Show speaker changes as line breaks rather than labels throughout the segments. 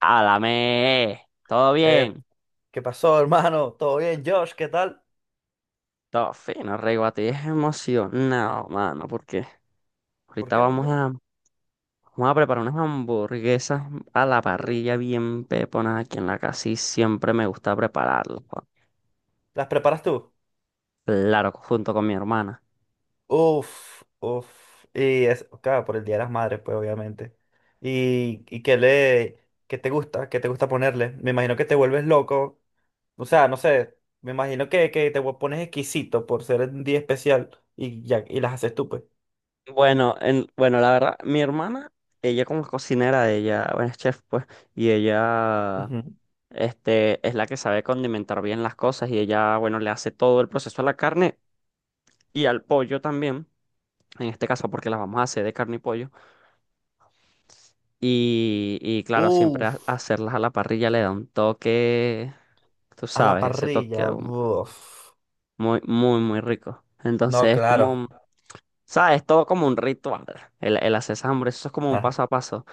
Álame, ¿todo
Eh,
bien?
¿qué pasó, hermano? ¿Todo bien, Josh? ¿Qué tal?
Todo fino, rey. A es emocionado, mano, porque
¿Por
ahorita
qué? ¿Por
vamos
qué?
a, vamos a preparar unas hamburguesas a la parrilla bien peponas aquí en la casa y siempre me gusta prepararlas, pa.
¿Las preparas tú?
Claro, junto con mi hermana.
Uf, uf. Y es, claro, por el Día de las Madres, pues, obviamente. ¿Y qué te gusta? ¿Qué te gusta ponerle? Me imagino que te vuelves loco. O sea, no sé. Me imagino que te pones exquisito por ser un día especial y, ya, y las haces tú, pues.
Bueno, la verdad, mi hermana, ella como es cocinera, ella, bueno, es chef, pues, y ella,
Ujú.
este, es la que sabe condimentar bien las cosas y ella, bueno, le hace todo el proceso a la carne y al pollo también. En este caso porque las vamos a hacer de carne y pollo. Y claro, siempre ha-
Uf,
hacerlas a la parrilla le da un toque, tú
a la
sabes, ese toque
parrilla.
aún
Uf.
muy, muy rico.
No,
Entonces es
claro.
como, ¿sabes? Todo como un ritual. El hacer esas hamburguesas, eso es como un
Ajá.
paso a paso.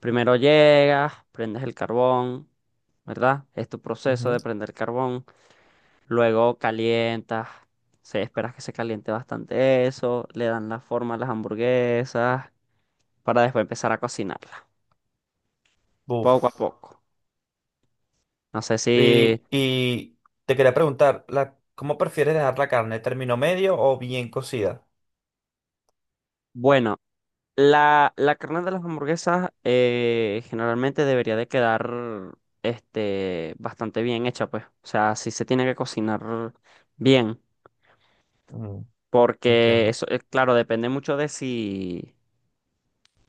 Primero llegas, prendes el carbón, ¿verdad? Es tu proceso
Ujú.
de prender carbón. Luego calientas. Esperas que se caliente bastante eso, le dan la forma a las hamburguesas para después empezar a cocinarlas. Poco a
Uf.
poco. No sé si...
Y te quería preguntar, ¿cómo prefieres dejar la carne? ¿Término medio o bien cocida?
Bueno, la carne de las hamburguesas generalmente debería de quedar bastante bien hecha, pues. O sea, si se tiene que cocinar bien.
Mm,
Porque
entiendo.
eso, claro, depende mucho de si,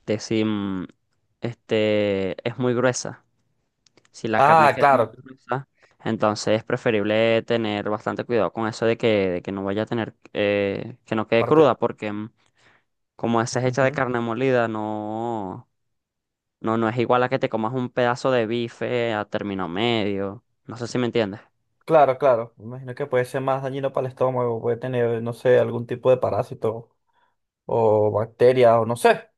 de si mm, este, es muy gruesa. Si la carne
Ah,
queda muy
claro.
gruesa, entonces es preferible tener bastante cuidado con eso de que no vaya a tener, que no quede cruda,
Parte...
porque como esa es hecha de
ujú.
carne molida, no es igual a que te comas un pedazo de bife a término medio. No sé si me entiendes.
Claro, claro. Me imagino que puede ser más dañino para el estómago, puede tener, no sé, algún tipo de parásito o bacteria o no sé.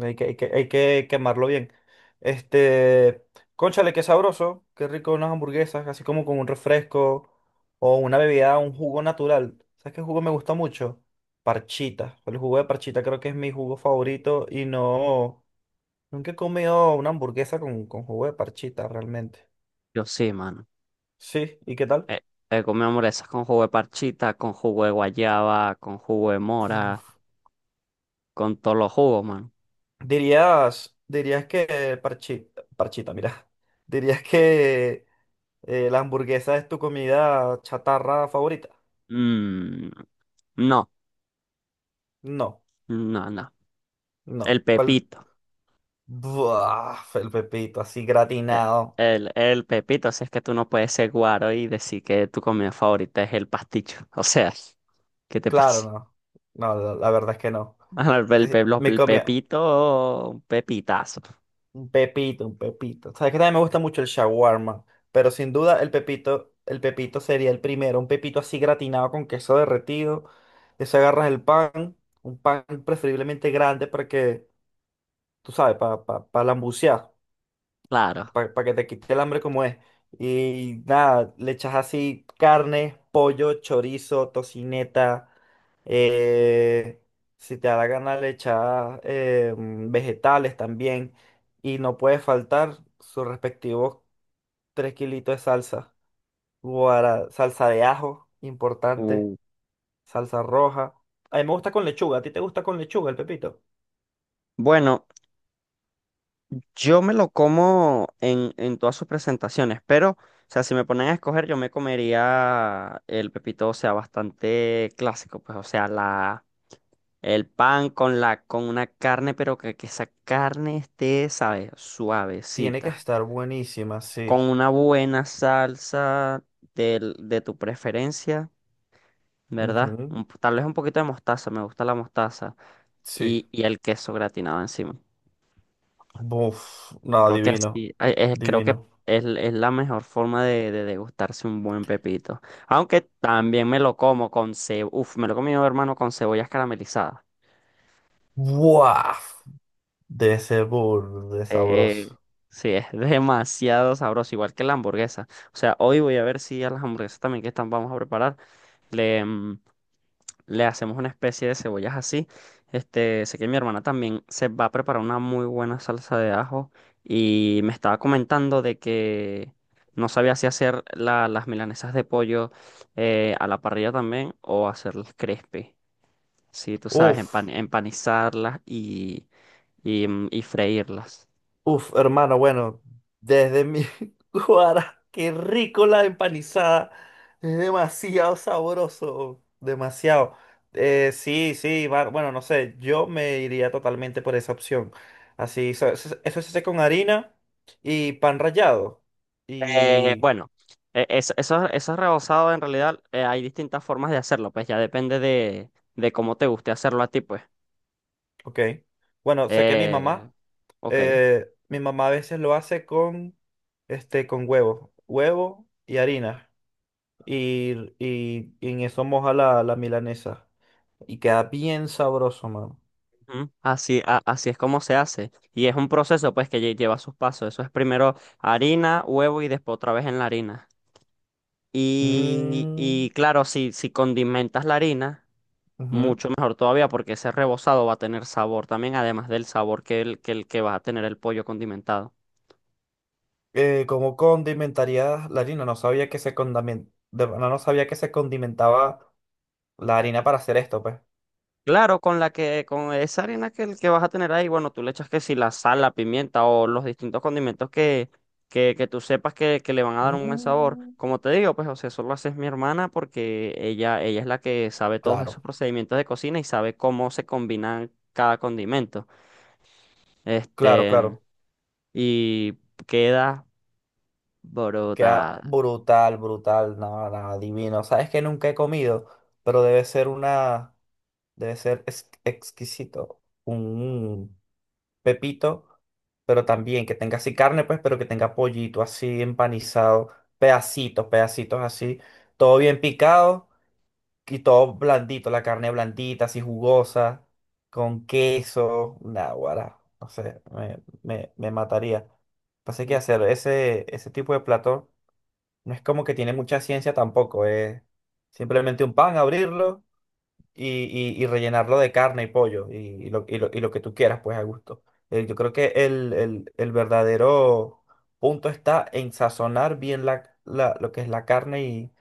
Hay que quemarlo bien. Este, cónchale, qué sabroso, qué rico unas hamburguesas, así como con un refresco o una bebida, un jugo natural. ¿Sabes qué jugo me gusta mucho? Parchita. El jugo de parchita creo que es mi jugo favorito y no, nunca he comido una hamburguesa con jugo de parchita realmente.
Yo sí, mano.
Sí, ¿y qué tal?
Eh, He comido hamburguesas con jugo de parchita, con jugo de guayaba, con jugo de mora, con todos los jugos, mano.
Dirías que parchita, parchita, mira. Dirías que la hamburguesa es tu comida chatarra favorita.
Mm, no,
No,
no, no.
no.
El
¿Cuál?
pepito.
Buah, el pepito así
Eh,
gratinado.
el pepito, si es que tú no puedes ser guaro y decir que tu comida favorita es el pasticho. O sea, ¿qué te
Claro,
pasa?
no. No, la verdad es que no.
Ah, El,
Sí,
pe- pe- los-
me
el
comía
pepito, pepitazo,
un pepito, un pepito. Sabes que también me gusta mucho el shawarma, pero sin duda el pepito sería el primero. Un pepito así gratinado con queso derretido. Eso agarras el pan, un pan preferiblemente grande para que, tú sabes, para lambucear.
claro.
Para que te quite el hambre como es. Y nada, le echas así carne, pollo, chorizo, tocineta. eh, si te da la gana, le echas vegetales también. Y no puede faltar sus respectivos 3 kilitos de salsa. Salsa de ajo, importante.
Uh,
Salsa roja. A mí me gusta con lechuga. ¿A ti te gusta con lechuga el pepito?
bueno, yo me lo como en todas sus presentaciones, pero, o sea, si me ponen a escoger, yo me comería el pepito, o sea, bastante clásico, pues, o sea, la, el pan con la, con una carne, pero que esa carne esté, ¿sabes?
Tiene que
Suavecita,
estar buenísima, sí.
con una buena salsa de tu preferencia. ¿Verdad?
Ujú.
Tal vez un poquito de mostaza, me gusta la mostaza
Sí.
y el queso gratinado encima.
Buf, no,
Creo que
divino,
así, ay, es- creo que
divino.
es la mejor forma de degustarse un buen pepito. Aunque también me lo como con cebolla, uf, me lo he comido, hermano, con cebollas caramelizadas.
Buah, de ese burro de
Sí,
sabroso.
sí, es demasiado sabroso, igual que la hamburguesa. O sea, hoy voy a ver si a las hamburguesas también que están, vamos a preparar. Le hacemos una especie de cebollas así. Sé que mi hermana también se va a preparar una muy buena salsa de ajo y me estaba comentando de que no sabía si hacer las milanesas de pollo a la parrilla también o hacerlas crispy. Sí, tú sabes,
Uf,
empanizarlas y freírlas.
uf, hermano, bueno, desde mi guara, qué rico la empanizada. Es demasiado sabroso, demasiado. Sí, sí, bueno, no sé, yo me iría totalmente por esa opción. Así, eso se hace con harina y pan rallado. y
Bueno, eso, eso es rebozado en realidad, hay distintas formas de hacerlo, pues ya depende de cómo te guste hacerlo a ti, pues.
Ok. Bueno, sé que
Eh, ok.
mi mamá a veces lo hace con, con huevo, huevo y harina. Y en eso moja la milanesa. Y queda bien sabroso, mano.
Ujú. Así, así es como se hace. Y es un proceso, pues, que lleva sus pasos. Eso es primero harina, huevo y después otra vez en la harina. Y,
Mm,
y claro, si condimentas la harina,
ujú.
mucho mejor todavía, porque ese rebozado va a tener sabor también, además del sabor que el que va a tener el pollo condimentado.
¿Cómo condimentaría la harina? No sabía que se no, no sabía que se condimentaba la harina para hacer esto, pues.
Claro, con con esa harina el que vas a tener ahí, bueno, tú le echas que si la sal, la pimienta o los distintos condimentos que tú sepas que le van a dar un buen sabor.
Mm,
Como te digo, pues, o sea, eso lo hace mi hermana porque ella es la que sabe todos esos
claro,
procedimientos de cocina y sabe cómo se combinan cada condimento.
claro,
Este,
claro.
y queda
Queda
brutal.
brutal, brutal, nada, nada, divino. Sabes que nunca he comido, pero debe ser exquisito. Un pepito, pero también que tenga así carne, pues, pero que tenga pollito así empanizado, pedacitos, pedacitos así, todo bien picado y todo blandito, la carne blandita, así jugosa, con queso, nada, guará, no sé, me mataría. Pasa que hacer ese tipo de plato. No es como que tiene mucha ciencia tampoco, es simplemente un pan, abrirlo y, y rellenarlo de carne y pollo y lo que tú quieras, pues a gusto. Yo creo que el verdadero punto está en sazonar bien lo que es la carne y,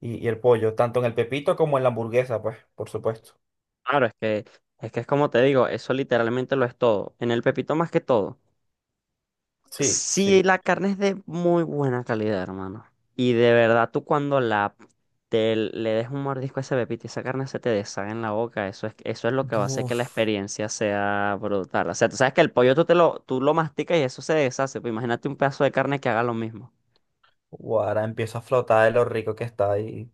y- y el pollo, tanto en el pepito como en la hamburguesa, pues, por supuesto.
Claro, es que es como te digo, eso literalmente lo es todo. En el pepito más que todo.
Sí,
Sí,
sí.
la carne es de muy buena calidad, hermano. Y de verdad, tú cuando la te le des un mordisco a ese pepito y esa carne se te deshaga en la boca, eso es lo que va a hacer que la
Uf,
experiencia sea brutal. O sea, tú sabes que el pollo tú lo masticas y eso se deshace. Pues imagínate un pedazo de carne que haga lo mismo.
ahora empiezo a flotar de lo rico que está y,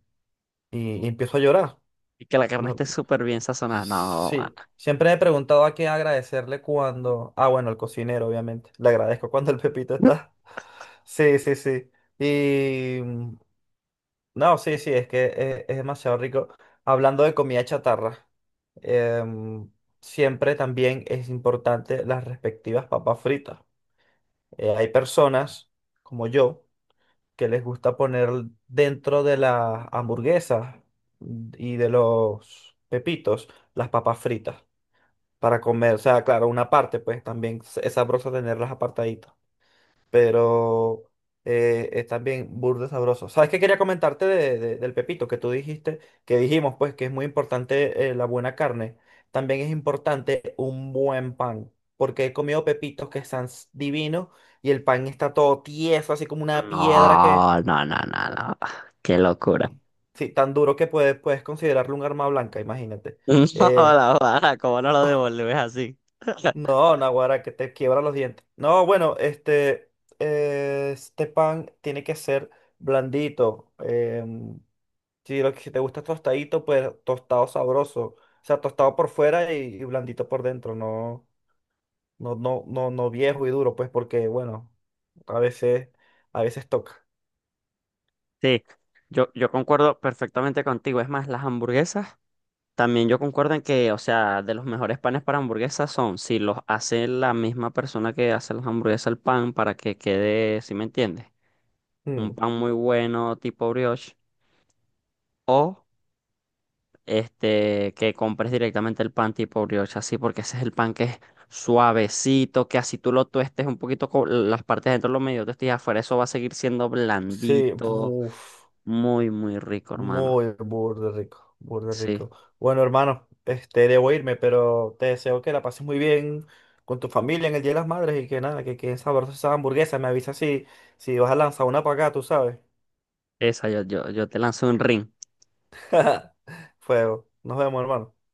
y, y empiezo a llorar.
Y que la carne esté súper bien sazonada. No, mano.
Sí, siempre me he preguntado a quién agradecerle cuando. Ah, bueno, al cocinero, obviamente. Le agradezco cuando el pepito está. Sí, sí, sí. Y... mm, No, sí, sí, es que es demasiado rico. Hablando de comida chatarra, em, siempre también es importante las respectivas papas fritas. Hay personas, como yo, que les gusta poner dentro de las hamburguesas y de los pepitos las papas fritas para comer. O sea, claro, una parte, pues también es sabroso tenerlas apartaditas. Pero es también burde sabroso. ¿Sabes qué quería comentarte del pepito que tú dijiste? Que dijimos, pues, que es muy importante la buena carne. También es importante un buen pan. Porque he comido pepitos que están divinos y el pan está todo tieso, así como una piedra que.
No, no, no, no, no. Qué locura.
Sí, tan duro que puedes considerarlo un arma blanca, imagínate.
No,
Eh,
la vara, ¿cómo no lo devolves así?
No, Naguará, que te quiebra los dientes. No, bueno, este pan tiene que ser blandito. Em, si lo que si te gusta tostadito, pues tostado sabroso. O sea, tostado por fuera y blandito por dentro. No, no, no, no, no viejo y duro, pues, porque, bueno, a veces, a veces toca.
Sí, yo concuerdo perfectamente contigo. Es más, las hamburguesas, también yo concuerdo en que, o sea, de los mejores panes para hamburguesas son si los hace la misma persona que hace las hamburguesas el pan para que quede, ¿si me entiendes? Un
Mm,
pan muy bueno tipo brioche o este que compres directamente el pan tipo brioche así porque ese es el pan que es suavecito, que así tú lo tuestes un poquito con las partes de dentro lo medio tuestes y afuera eso va a seguir siendo
sí,
blandito,
uf.
muy muy rico, hermano.
Muy burde rico, burde
Sí.
rico. Bueno, hermano, debo irme, pero te deseo que la pases muy bien con tu familia en el Día de las Madres y que nada, que queden sabrosas esas hamburguesas. Me avisa si vas a lanzar una para acá, tú sabes.
Esa, yo te lanzo un ring.
Fuego. Nos vemos, hermano.